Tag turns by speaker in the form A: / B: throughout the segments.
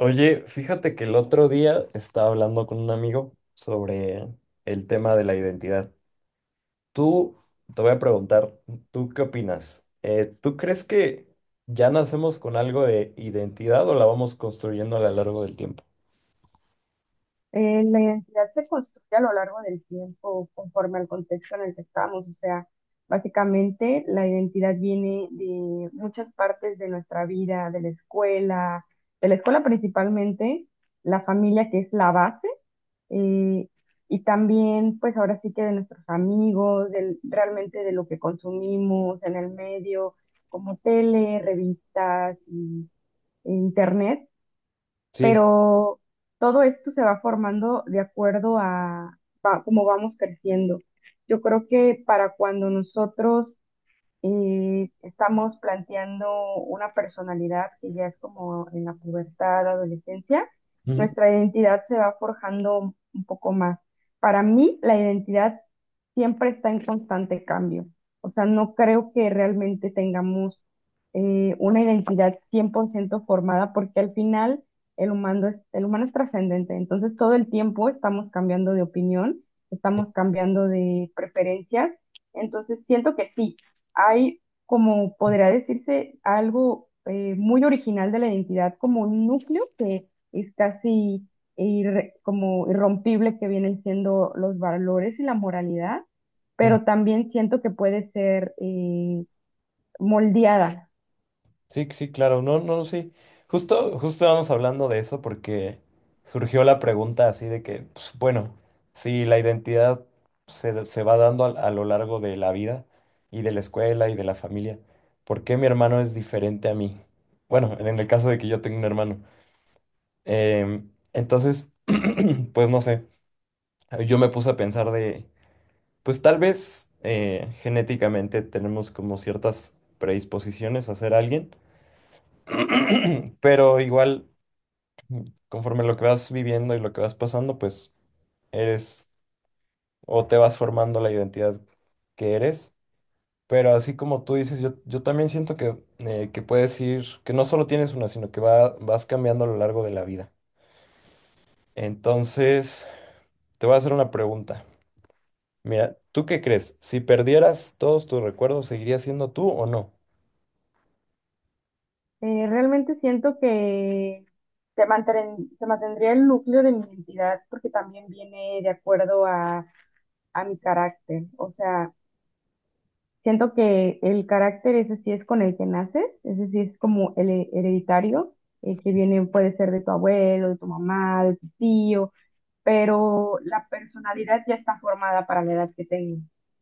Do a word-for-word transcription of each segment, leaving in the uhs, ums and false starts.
A: Oye, fíjate que el otro día estaba hablando con un amigo sobre el tema de la identidad. Tú, Te voy a preguntar, ¿tú qué opinas? Eh, ¿tú crees que ya nacemos con algo de identidad o la vamos construyendo a lo largo del tiempo?
B: Eh, la identidad se construye a lo largo del tiempo conforme al contexto en el que estamos. O sea, básicamente la identidad viene de muchas partes de nuestra vida, de la escuela, de la escuela principalmente, la familia que es la base, eh, y también pues ahora sí que de nuestros amigos, del, realmente de lo que consumimos en el medio, como tele, revistas y, e internet.
A: Sí, sí.
B: Pero todo esto se va formando de acuerdo a va- cómo vamos creciendo. Yo creo que para cuando nosotros y estamos planteando una personalidad que ya es como en la pubertad, adolescencia,
A: Ujú,
B: nuestra identidad se va forjando un poco más. Para mí, la identidad siempre está en constante cambio. O sea, no creo que realmente tengamos eh, una identidad cien por ciento formada porque al final el humano es, el humano es trascendente. Entonces, todo el tiempo estamos cambiando de opinión, estamos cambiando de preferencias. Entonces, siento que sí, hay, como podría decirse, algo eh, muy original de la identidad, como un núcleo que es casi irre- como irrompible, que vienen siendo los valores y la moralidad,
A: sí.
B: pero también siento que puede ser eh, moldeada.
A: Sí, sí, claro, no, no, sí. Justo, justo vamos hablando de eso porque surgió la pregunta así de que, pues, bueno, si la identidad se, da- se va dando a a, lo largo de la vida y de la escuela y de la familia, ¿por qué mi hermano es diferente a mí? Bueno, en en el caso de que yo tenga un hermano. Em, entonces, pues no sé, yo me puse a pensar de, pues tal vez eh, genéticamente tenemos como ciertas predisposiciones a ser alguien. Pero igual, conforme lo que vas viviendo y lo que vas pasando, pues eres o te vas formando la identidad que eres. Pero así como tú dices, yo, yo también siento que, eh, que puedes ir, que no solo tienes una, sino que va- vas cambiando a lo largo de la vida. Entonces, te voy a hacer una pregunta. Mira, ¿tú qué crees? Si perdieras todos tus recuerdos, ¿seguirías siendo tú o no?
B: Eh, realmente siento que se mantren- se mantendría el núcleo de mi identidad porque también viene de acuerdo a a mi carácter. O sea, siento que el carácter ese sí es con el que naces, ese sí es como el he- hereditario, eh, que viene, puede ser de tu abuelo, de tu mamá, de tu tío, pero la personalidad ya está formada para la edad que tengo.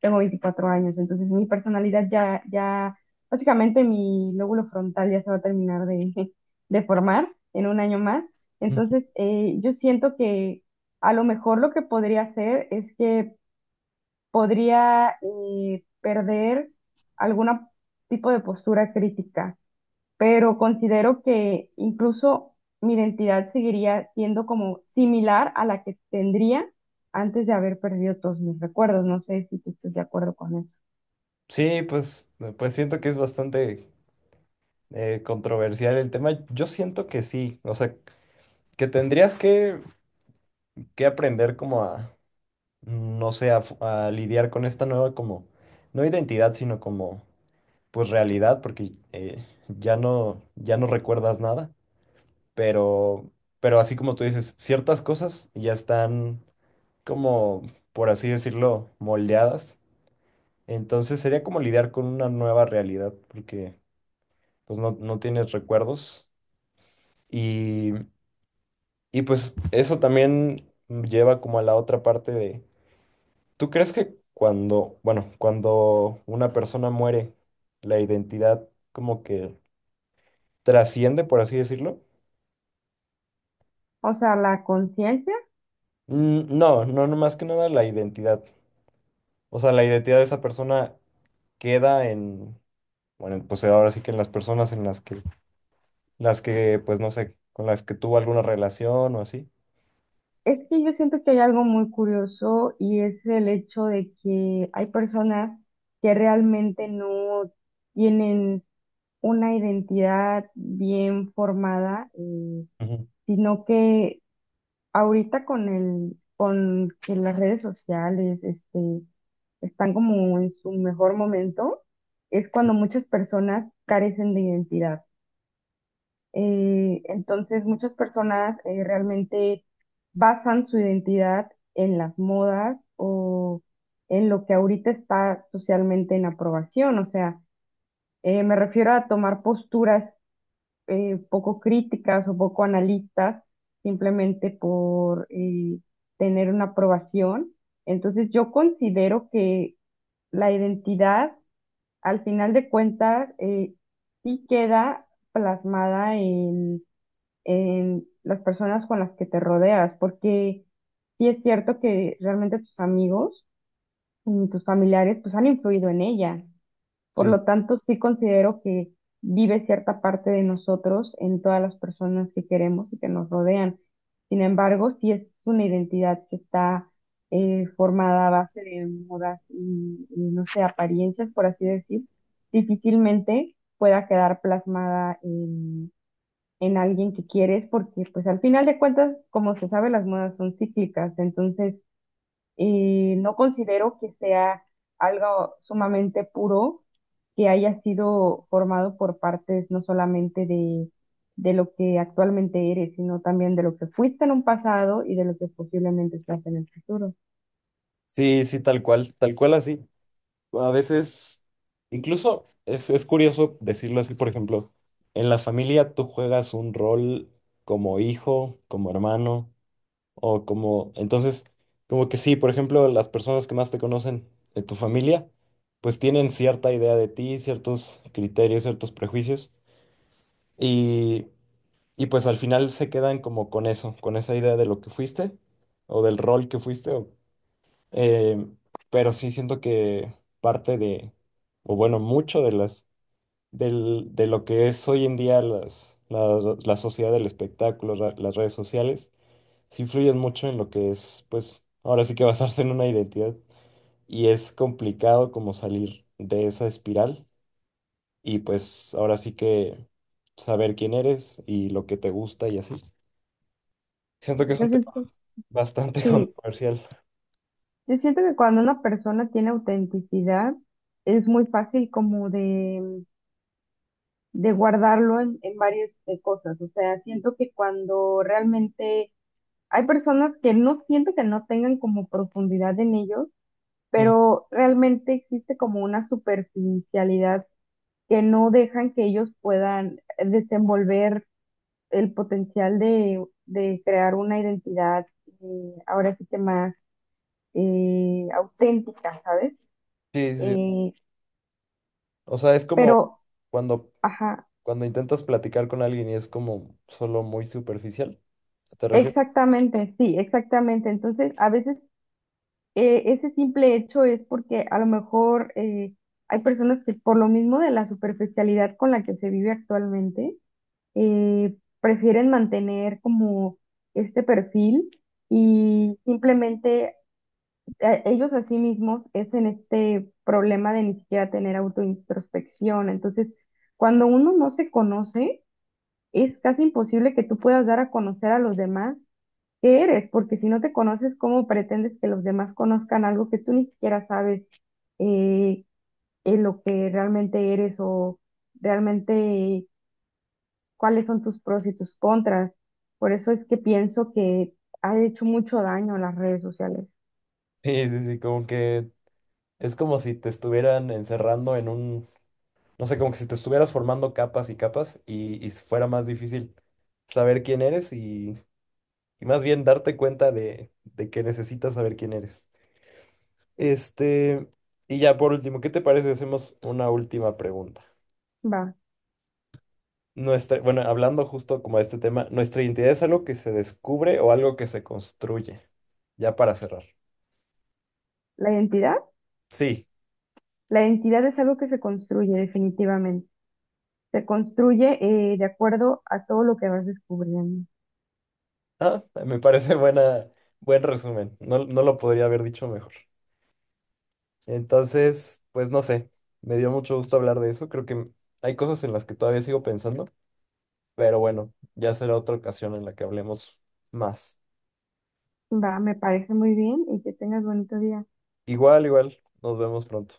B: Tengo veinticuatro años, entonces mi personalidad ya, ya, básicamente mi lóbulo frontal ya se va a terminar de, de formar en un año más. Entonces, eh, yo siento que a lo mejor lo que podría hacer es que podría eh, perder algún tipo de postura crítica, pero considero que incluso mi identidad seguiría siendo como similar a la que tendría antes de haber perdido todos mis recuerdos. No sé si tú estás de acuerdo con eso.
A: Sí, pues, pues siento que es bastante eh, controversial el tema. Yo siento que sí. O sea, que tendrías que, que aprender como a, no sé, a, fu- a lidiar con esta nueva como, no identidad, sino como, pues realidad, porque eh, ya no, ya no recuerdas nada, pero, pero así como tú dices, ciertas cosas ya están como, por así decirlo, moldeadas. Entonces sería como lidiar con una nueva realidad, porque pues no, no tienes recuerdos y, y pues eso también lleva como a la otra parte de ¿tú crees que cuando, bueno, cuando una persona muere, la identidad como que trasciende, por así decirlo?
B: O sea, la conciencia,
A: Mm, No, no, no más que nada la identidad. O sea, la identidad de esa persona queda en, bueno, pues ahora sí que en las personas en las que, las que, pues no sé, con las que tuvo alguna relación o así.
B: es que yo siento que hay algo muy curioso y es el hecho de que hay personas que realmente no tienen una identidad bien formada. Eh,
A: Ujú.
B: sino que ahorita con el, con que las redes sociales, este, están como en su mejor momento, es cuando muchas personas carecen de identidad. Eh, entonces, muchas personas eh, realmente basan su identidad en las modas o en lo que ahorita está socialmente en aprobación. O sea, eh, me refiero a tomar posturas eh, poco críticas o poco analistas simplemente por eh, tener una aprobación. Entonces yo considero que la identidad, al final de cuentas, eh, sí queda plasmada en, en las personas con las que te rodeas, porque sí es cierto que realmente tus amigos y tus familiares pues han influido en ella. Por
A: Sí,
B: lo tanto, sí considero que vive cierta parte de nosotros en todas las personas que queremos y que nos rodean. Sin embargo, sí es una identidad que está eh, formada a base de modas y, y, no sé, apariencias, por así decir, difícilmente pueda quedar plasmada en, en alguien que quieres porque pues al final de cuentas, como se sabe, las modas son cíclicas. Entonces, y no considero que sea algo sumamente puro que haya sido formado por partes no solamente de, de lo que actualmente eres, sino también de lo que fuiste en un pasado y de lo que posiblemente estás en el futuro.
A: sí, sí, tal cual, tal cual así. A veces, incluso es, es curioso decirlo así, por ejemplo, en la familia tú juegas un rol como hijo, como hermano, o como... Entonces, como que sí, por ejemplo, las personas que más te conocen de tu familia, pues tienen cierta idea de ti, ciertos criterios, ciertos prejuicios, y, y pues al final se quedan como con eso, con esa idea de lo que fuiste, o del rol que fuiste, eh, pero sí siento que parte de, o bueno, mucho de las, del, de lo que es hoy en día las, la, la sociedad del espectáculo, ra- las redes sociales, sí influyen mucho en lo que es, pues, ahora sí que basarse en una identidad. Y es complicado como salir de esa espiral y pues ahora sí que saber quién eres y lo que te gusta y así. Siento que es
B: Yo
A: un tema
B: siento,
A: bastante
B: sí,
A: controversial.
B: yo siento que cuando una persona tiene autenticidad, es muy fácil como de, de guardarlo en, en varias eh, cosas. O sea, siento que cuando realmente hay personas que no siento que no tengan como profundidad en ellos,
A: Ujú.
B: pero realmente existe como una superficialidad que no dejan que ellos puedan desenvolver el potencial de, de crear una identidad eh, ahora sí que más eh, auténtica, ¿sabes?
A: Sí, sí, sí.
B: Eh,
A: O sea, es como
B: pero,
A: cuando
B: ajá,
A: Cuando intentas platicar con alguien y es como solo muy superficial, ¿te refieres?
B: exactamente, sí, exactamente. Entonces, a veces eh, ese simple hecho es porque a lo mejor eh, hay personas que por lo mismo de la superficialidad con la que se vive actualmente, eh, prefieren mantener como este perfil y simplemente eh, ellos a sí mismos es en este problema de ni siquiera tener autointrospección. Entonces, cuando uno no se conoce, es casi imposible que tú puedas dar a conocer a los demás qué eres, porque si no te conoces, ¿cómo pretendes que los demás conozcan algo que tú ni siquiera sabes eh, en lo que realmente eres o realmente cuáles son tus pros y tus contras? Por eso es que pienso que ha hecho mucho daño las redes sociales.
A: Sí, sí, sí, como que es como si te estuvieran encerrando en un, no sé, como que si te estuvieras formando capas y capas y, y fuera más difícil saber quién eres y, y más bien darte cuenta de, de que necesitas saber quién eres. Este, y ya por último, ¿qué te parece si hacemos una última pregunta?
B: Va,
A: Nuestra, bueno, hablando justo como de este tema, ¿nuestra identidad es algo que se descubre o algo que se construye? Ya para cerrar.
B: la identidad,
A: Sí,
B: la identidad es algo que se construye definitivamente. Se construye eh, de acuerdo a todo lo que vas descubriendo.
A: ah, me parece buena, buen resumen. No, no lo podría haber dicho mejor. Entonces, pues no sé, me dio mucho gusto hablar de eso. Creo que hay cosas en las que todavía sigo pensando, pero bueno, ya será otra ocasión en la que hablemos más.
B: Va, me parece muy bien y que tengas bonito día.
A: Igual, igual, nos vemos pronto.